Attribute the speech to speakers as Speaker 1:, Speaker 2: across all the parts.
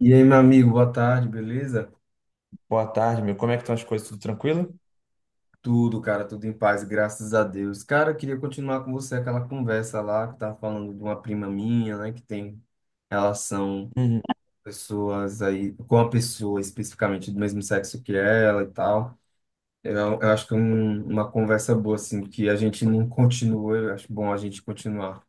Speaker 1: E aí, meu amigo, boa tarde, beleza?
Speaker 2: Boa tarde, meu. Como é que estão as coisas? Tudo tranquilo?
Speaker 1: Tudo, cara, tudo em paz, graças a Deus. Cara, eu queria continuar com você aquela conversa lá que tava falando de uma prima minha, né, que tem relação
Speaker 2: Uhum.
Speaker 1: pessoas aí com a pessoa especificamente do mesmo sexo que ela e tal. Eu acho que é uma conversa boa assim que a gente não continua, eu acho bom a gente continuar.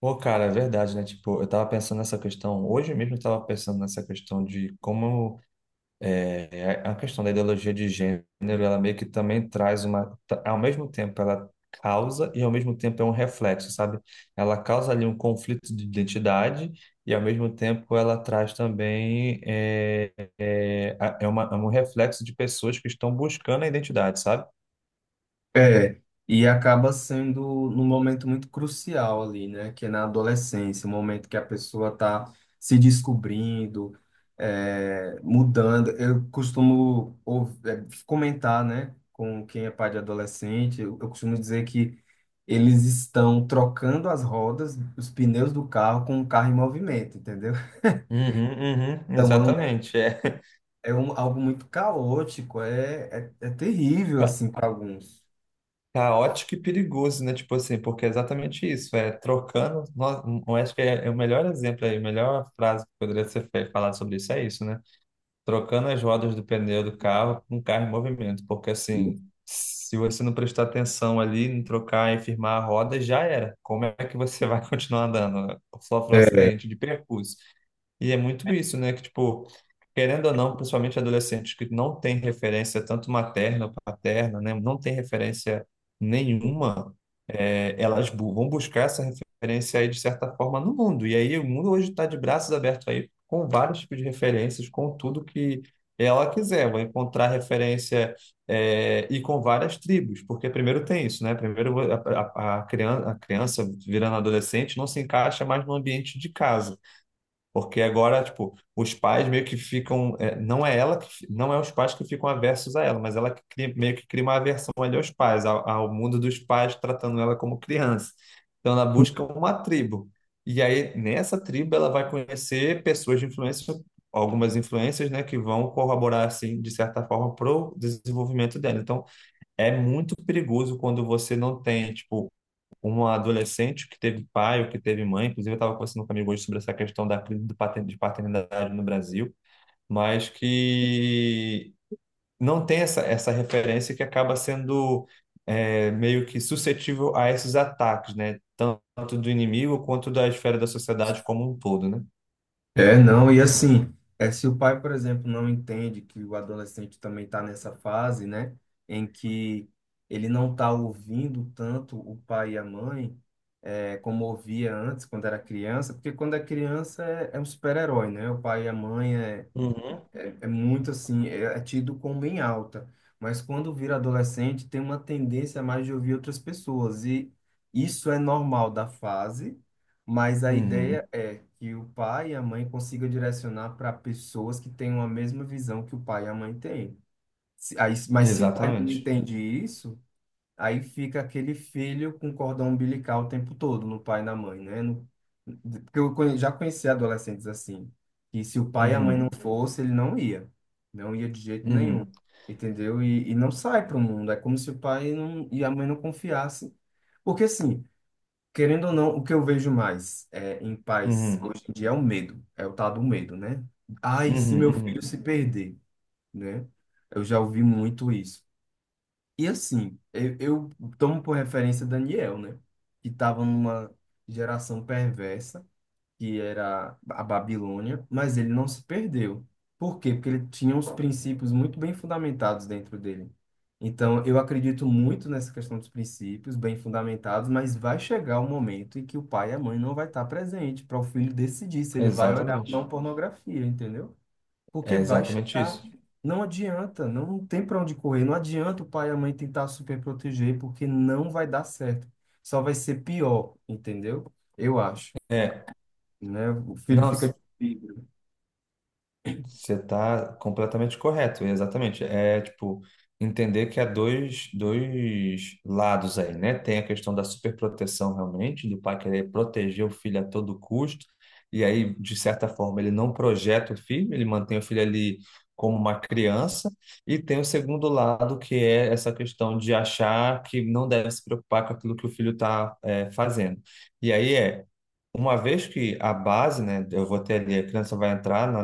Speaker 2: Pô, cara, é verdade, né? Tipo, eu tava pensando nessa questão. Hoje mesmo eu tava pensando nessa questão de como é, a questão da ideologia de gênero, ela meio que também traz ao mesmo tempo ela causa e ao mesmo tempo é um reflexo, sabe? Ela causa ali um conflito de identidade e ao mesmo tempo ela traz também, é, é um reflexo de pessoas que estão buscando a identidade, sabe?
Speaker 1: É, e acaba sendo num momento muito crucial ali, né? Que é na adolescência, o momento que a pessoa está se descobrindo, é, mudando. Eu costumo comentar, né, com quem é pai de adolescente, eu costumo dizer que eles estão trocando as rodas, os pneus do carro com o carro em movimento, entendeu?
Speaker 2: Uhum, uhum,
Speaker 1: Então é,
Speaker 2: exatamente, é.
Speaker 1: algo muito caótico, é terrível, assim, para alguns.
Speaker 2: Caótico e perigoso, né? Tipo assim, porque é exatamente isso, é trocando. Eu acho que é o melhor exemplo aí, a melhor frase que poderia ser falada sobre isso é isso, né? Trocando as rodas do pneu do carro com o carro em movimento, porque assim, se você não prestar atenção ali, não trocar e firmar a roda, já era. Como é que você vai continuar andando? Sofre um acidente de percurso. E é muito isso, né? Que, tipo, querendo ou não, principalmente adolescentes que não têm referência tanto materna ou paterna, né? Não tem referência nenhuma, elas vão buscar essa referência aí de certa forma no mundo. E aí o mundo hoje está de braços abertos aí com vários tipos de referências, com tudo que ela quiser. Vai encontrar referência e com várias tribos, porque primeiro tem isso, né? Primeiro a criança, a criança virando adolescente não se encaixa mais no ambiente de casa. Porque agora, tipo, os pais meio que ficam. É, não é ela que. Não é os pais que ficam aversos a ela, mas ela que meio que cria uma aversão ali aos pais, ao mundo dos pais, tratando ela como criança. Então ela busca uma tribo. E aí, nessa tribo, ela vai conhecer pessoas de influência, algumas influências, né, que vão corroborar, assim, de certa forma, para o desenvolvimento dela. Então, é muito perigoso quando você não tem, tipo, uma adolescente que teve pai ou que teve mãe. Inclusive, eu estava conversando com um amigo hoje sobre essa questão da crise de paternidade no Brasil, mas que não tem essa referência, que acaba sendo meio que suscetível a esses ataques, né? Tanto do inimigo quanto da esfera da sociedade como um todo, né?
Speaker 1: É, não, e assim, é, se o pai, por exemplo, não entende que o adolescente também está nessa fase, né, em que ele não está ouvindo tanto o pai e a mãe, é, como ouvia antes, quando era criança, porque quando é criança é um super-herói, né? O pai e a mãe
Speaker 2: Uhum.
Speaker 1: é muito assim, é tido como bem alta. Mas quando vira adolescente, tem uma tendência a mais de ouvir outras pessoas. E isso é normal da fase, mas a ideia
Speaker 2: Uhum,
Speaker 1: é que o pai e a mãe consigam direcionar para pessoas que tenham a mesma visão que o pai e a mãe têm. Mas se o pai não
Speaker 2: exatamente.
Speaker 1: entende isso, aí fica aquele filho com cordão umbilical o tempo todo, no pai e na mãe, né? Porque eu já conheci adolescentes assim, que se o pai e a mãe não
Speaker 2: Uhum,
Speaker 1: Uhum. fosse, ele não ia. Não ia de jeito nenhum,
Speaker 2: uhum,
Speaker 1: entendeu? E não sai para o mundo. É como se o pai não, e a mãe não confiassem. Porque assim, querendo ou não, o que eu vejo mais é, em pais
Speaker 2: uhum,
Speaker 1: hoje em dia é o medo, é o tal do medo, né? Ai, se
Speaker 2: uhum,
Speaker 1: meu filho
Speaker 2: uhum,
Speaker 1: se perder, né? Eu já ouvi muito isso. E assim, eu tomo por referência Daniel, né? Que estava numa geração perversa, que era a Babilônia, mas ele não se perdeu. Por quê? Porque ele tinha uns princípios muito bem fundamentados dentro dele. Então, eu acredito muito nessa questão dos princípios bem fundamentados, mas vai chegar o momento em que o pai e a mãe não vai estar presente para o filho decidir se ele vai olhar ou não
Speaker 2: exatamente.
Speaker 1: pornografia, entendeu?
Speaker 2: É
Speaker 1: Porque vai
Speaker 2: exatamente
Speaker 1: chegar.
Speaker 2: isso.
Speaker 1: Não adianta, não tem para onde correr. Não adianta o pai e a mãe tentar super proteger, porque não vai dar certo. Só vai ser pior, entendeu? Eu acho,
Speaker 2: É,
Speaker 1: né? O filho
Speaker 2: não.
Speaker 1: fica.
Speaker 2: Você tá completamente correto, exatamente. É tipo entender que há dois lados aí, né? Tem a questão da superproteção realmente, do pai querer proteger o filho a todo custo, e aí, de certa forma, ele não projeta o filho, ele mantém o filho ali como uma criança. E tem o segundo lado, que é essa questão de achar que não deve se preocupar com aquilo que o filho está fazendo. E aí é. Uma vez que a base, né, eu vou ter ali, a criança vai entrar na,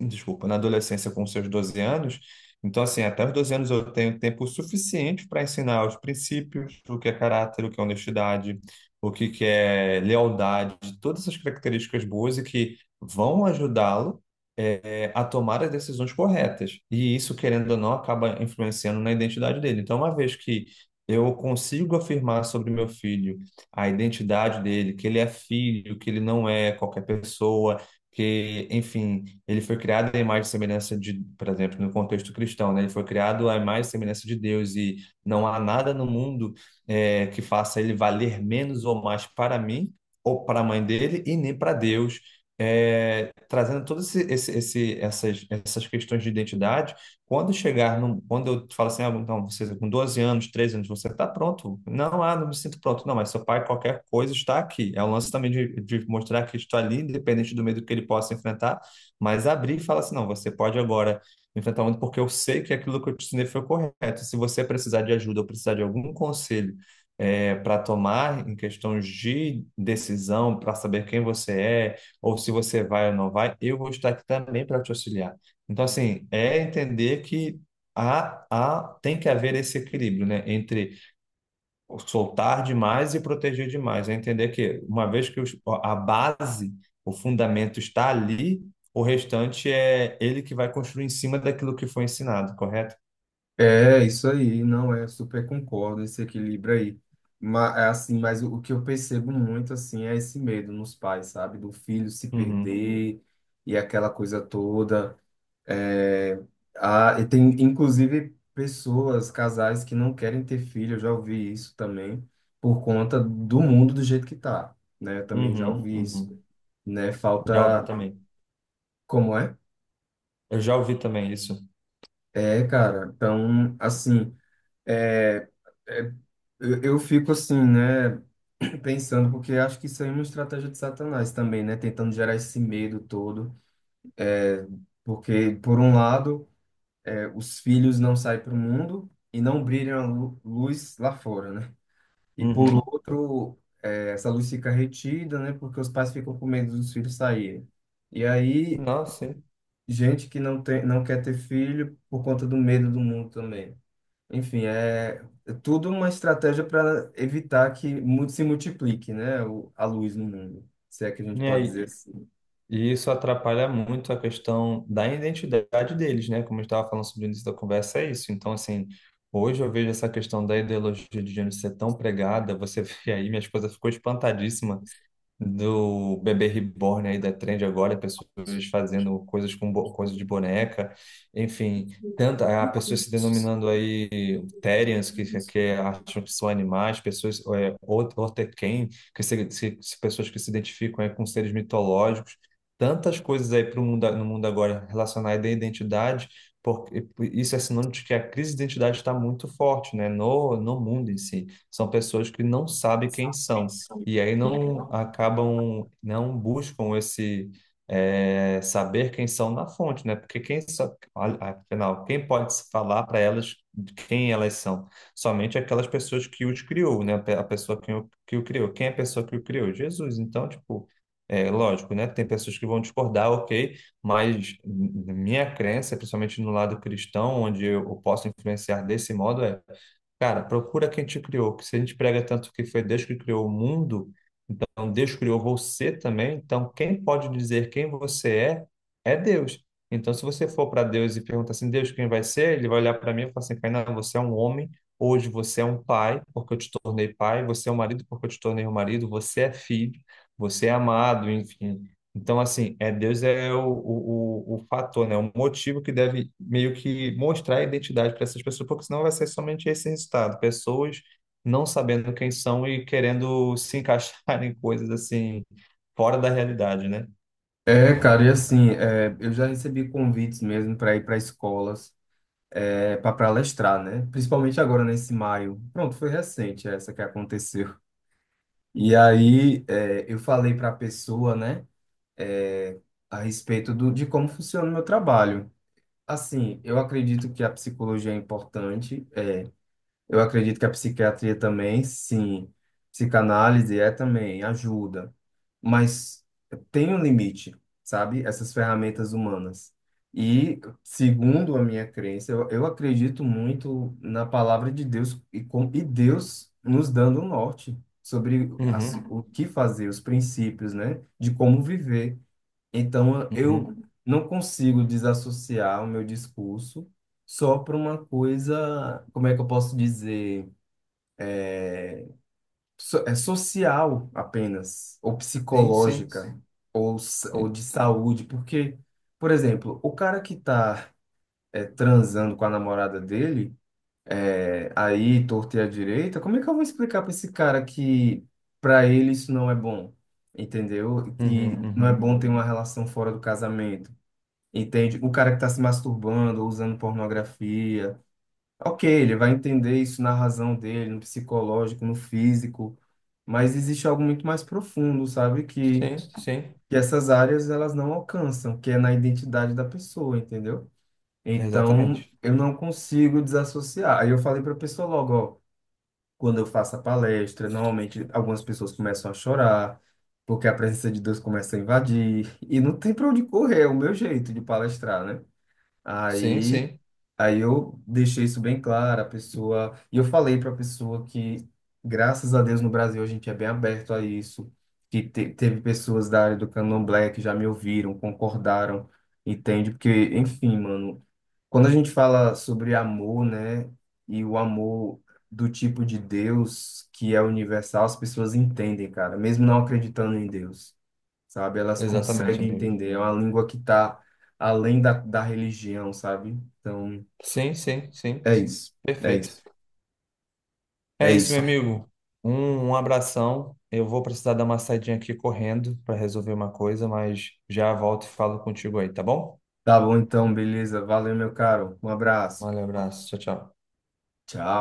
Speaker 2: desculpa, na adolescência com seus 12 anos. Então, assim, até os 12 anos eu tenho tempo suficiente para ensinar os princípios, o que é caráter, o que é honestidade, o que que é lealdade, todas essas características boas e que vão ajudá-lo a tomar as decisões corretas. E isso, querendo ou não, acaba influenciando na identidade dele. Então, uma vez que eu consigo afirmar sobre meu filho a identidade dele, que ele é filho, que ele não é qualquer pessoa, que, enfim, ele foi criado à imagem e semelhança de, por exemplo, no contexto cristão, né? Ele foi criado à imagem e semelhança de Deus, e não há nada no mundo que faça ele valer menos ou mais para mim ou para a mãe dele e nem para Deus. Trazendo todas essas questões de identidade, quando chegar, quando eu falo assim, ah, não, você com 12 anos, 13 anos, você está pronto? Não, ah, não me sinto pronto. Não, mas seu pai, qualquer coisa, está aqui. É o lance também de mostrar que está ali, independente do medo que ele possa enfrentar, mas abrir e falar assim, não, você pode agora enfrentar o mundo porque eu sei que aquilo que eu te ensinei foi correto. Se você precisar de ajuda ou precisar de algum conselho para tomar em questões de decisão, para saber quem você é, ou se você vai ou não vai, eu vou estar aqui também para te auxiliar. Então, assim, é entender que tem que haver esse equilíbrio, né, entre soltar demais e proteger demais. É entender que, uma vez que a base, o fundamento está ali, o restante é ele que vai construir em cima daquilo que foi ensinado, correto?
Speaker 1: É, isso aí, não é, super concordo esse equilíbrio aí. Mas, assim, mas o que eu percebo muito, assim, é esse medo nos pais, sabe? Do filho se
Speaker 2: Uhum,
Speaker 1: perder e aquela coisa toda. É, e tem, inclusive, pessoas, casais que não querem ter filho, eu já ouvi isso também, por conta do mundo do jeito que tá, né? Eu também já
Speaker 2: uhum,
Speaker 1: ouvi isso,
Speaker 2: uhum.
Speaker 1: né?
Speaker 2: Já ouvi
Speaker 1: Falta...
Speaker 2: também.
Speaker 1: Como é?
Speaker 2: Eu já ouvi também isso.
Speaker 1: É, cara, então, assim, é, é, eu fico assim, né? Pensando, porque acho que isso aí é uma estratégia de Satanás também, né? Tentando gerar esse medo todo, porque, por um lado... é, os filhos não saem para o mundo e não brilham a luz lá fora, né? E por
Speaker 2: Uhum.
Speaker 1: outro, é, essa luz fica retida, né? Porque os pais ficam com medo dos filhos saírem. E aí,
Speaker 2: Nossa, sim.
Speaker 1: gente que não tem, não quer ter filho por conta do medo do mundo também. Enfim, é tudo uma estratégia para evitar que se multiplique, né? A luz no mundo, se é que a gente
Speaker 2: E
Speaker 1: pode dizer
Speaker 2: aí,
Speaker 1: assim.
Speaker 2: E isso atrapalha muito a questão da identidade deles, né? Como eu estava falando sobre o início da conversa, é isso. Então, assim, hoje eu vejo essa questão da ideologia de gênero ser tão pregada. Você vê aí, minha esposa ficou espantadíssima do bebê reborn aí da trend agora, pessoas fazendo coisas com coisa de boneca, enfim, tanta a pessoas se denominando aí Therians, que acham que são animais, pessoas Otequém, que se- se- pessoas que se identificam aí com seres mitológicos, tantas coisas aí pro mundo, no mundo agora relacionadas à identidade, porque isso é sinônimo de que a crise de identidade está muito forte, né, no mundo em si. São pessoas que não sabem quem são e aí não acabam, não buscam esse saber quem são na fonte, né? Porque afinal, quem pode falar para elas de quem elas são? Somente aquelas pessoas que os criou, né? A pessoa que o criou. Quem é a pessoa que o criou? Jesus. Então, tipo, é lógico, né? Tem pessoas que vão discordar, ok, mas minha crença, principalmente no lado cristão, onde eu posso influenciar desse modo, é cara, procura quem te criou, porque se a gente prega tanto que foi Deus que criou o mundo, então Deus criou você também, então quem pode dizer quem você é, é Deus. Então, se você for para Deus e perguntar assim, Deus, quem vai ser? Ele vai olhar para mim e falar assim, Kainan, você é um homem, hoje você é um pai, porque eu te tornei pai, você é um marido, porque eu te tornei um marido, você é filho, você é amado, enfim. Então, assim, é Deus é o fator, né? O motivo que deve meio que mostrar a identidade para essas pessoas, porque senão vai ser somente esse resultado. Pessoas não sabendo quem são e querendo se encaixar em coisas assim, fora da realidade, né?
Speaker 1: É, cara, e assim, é, eu já recebi convites mesmo para ir para escolas para palestrar, né? Principalmente agora nesse maio. Pronto, foi recente essa que aconteceu. E aí é, eu falei para a pessoa, né, é, a respeito do, de como funciona o meu trabalho. Assim, eu acredito que a psicologia é importante, eu acredito que a psiquiatria também, sim. Psicanálise é também, ajuda. Mas tem um limite, sabe? Essas ferramentas humanas. E, segundo a minha crença, eu acredito muito na palavra de Deus e, com, e Deus nos dando um norte sobre as,
Speaker 2: Uhum,
Speaker 1: o que fazer, os princípios, né? De como viver. Então,
Speaker 2: uhum.
Speaker 1: eu não consigo desassociar o meu discurso só para uma coisa, como é que eu posso dizer, so, é social apenas, ou
Speaker 2: Sim, sim.
Speaker 1: psicológica, sim. Ou, ou
Speaker 2: Sim,
Speaker 1: de saúde, porque, por exemplo, o cara que está transando com a namorada dele, é, aí torto e à direita, como é que eu vou explicar para esse cara que para ele isso não é bom? Entendeu? Que
Speaker 2: uhum,
Speaker 1: não é
Speaker 2: uhum.
Speaker 1: bom ter uma relação fora do casamento. Entende? O cara que está se masturbando, usando pornografia. Ok, ele vai entender isso na razão dele, no psicológico, no físico, mas existe algo muito mais profundo, sabe?
Speaker 2: Sim, sim.
Speaker 1: Que essas áreas elas não alcançam, que é na identidade da pessoa, entendeu? Então,
Speaker 2: Exatamente.
Speaker 1: eu não consigo desassociar. Aí eu falei para a pessoa logo, ó, quando eu faço a palestra, normalmente algumas pessoas começam a chorar, porque a presença de Deus começa a invadir, e não tem para onde correr, é o meu jeito de palestrar, né?
Speaker 2: Sim,
Speaker 1: Aí
Speaker 2: sim.
Speaker 1: Aí eu deixei isso bem claro, a pessoa, e eu falei para a pessoa que, graças a Deus, no Brasil a gente é bem aberto a isso, que teve pessoas da área do Candomblé que já me ouviram, concordaram, entende? Porque, enfim, mano, quando a gente fala sobre amor, né, e o amor do tipo de Deus que é universal, as pessoas entendem, cara, mesmo não acreditando em Deus, sabe? Elas
Speaker 2: Exatamente,
Speaker 1: conseguem
Speaker 2: amigo.
Speaker 1: entender, é uma língua que tá além da religião, sabe? Então.
Speaker 2: Sim, sim, sim.
Speaker 1: É isso, é
Speaker 2: Perfeito.
Speaker 1: isso,
Speaker 2: É
Speaker 1: é
Speaker 2: isso, meu
Speaker 1: isso.
Speaker 2: amigo. Um abração. Eu vou precisar dar uma saidinha aqui correndo para resolver uma coisa, mas já volto e falo contigo aí, tá bom?
Speaker 1: Tá bom então, beleza. Valeu, meu caro. Um abraço.
Speaker 2: Valeu, abraço. Tchau, tchau.
Speaker 1: Tchau.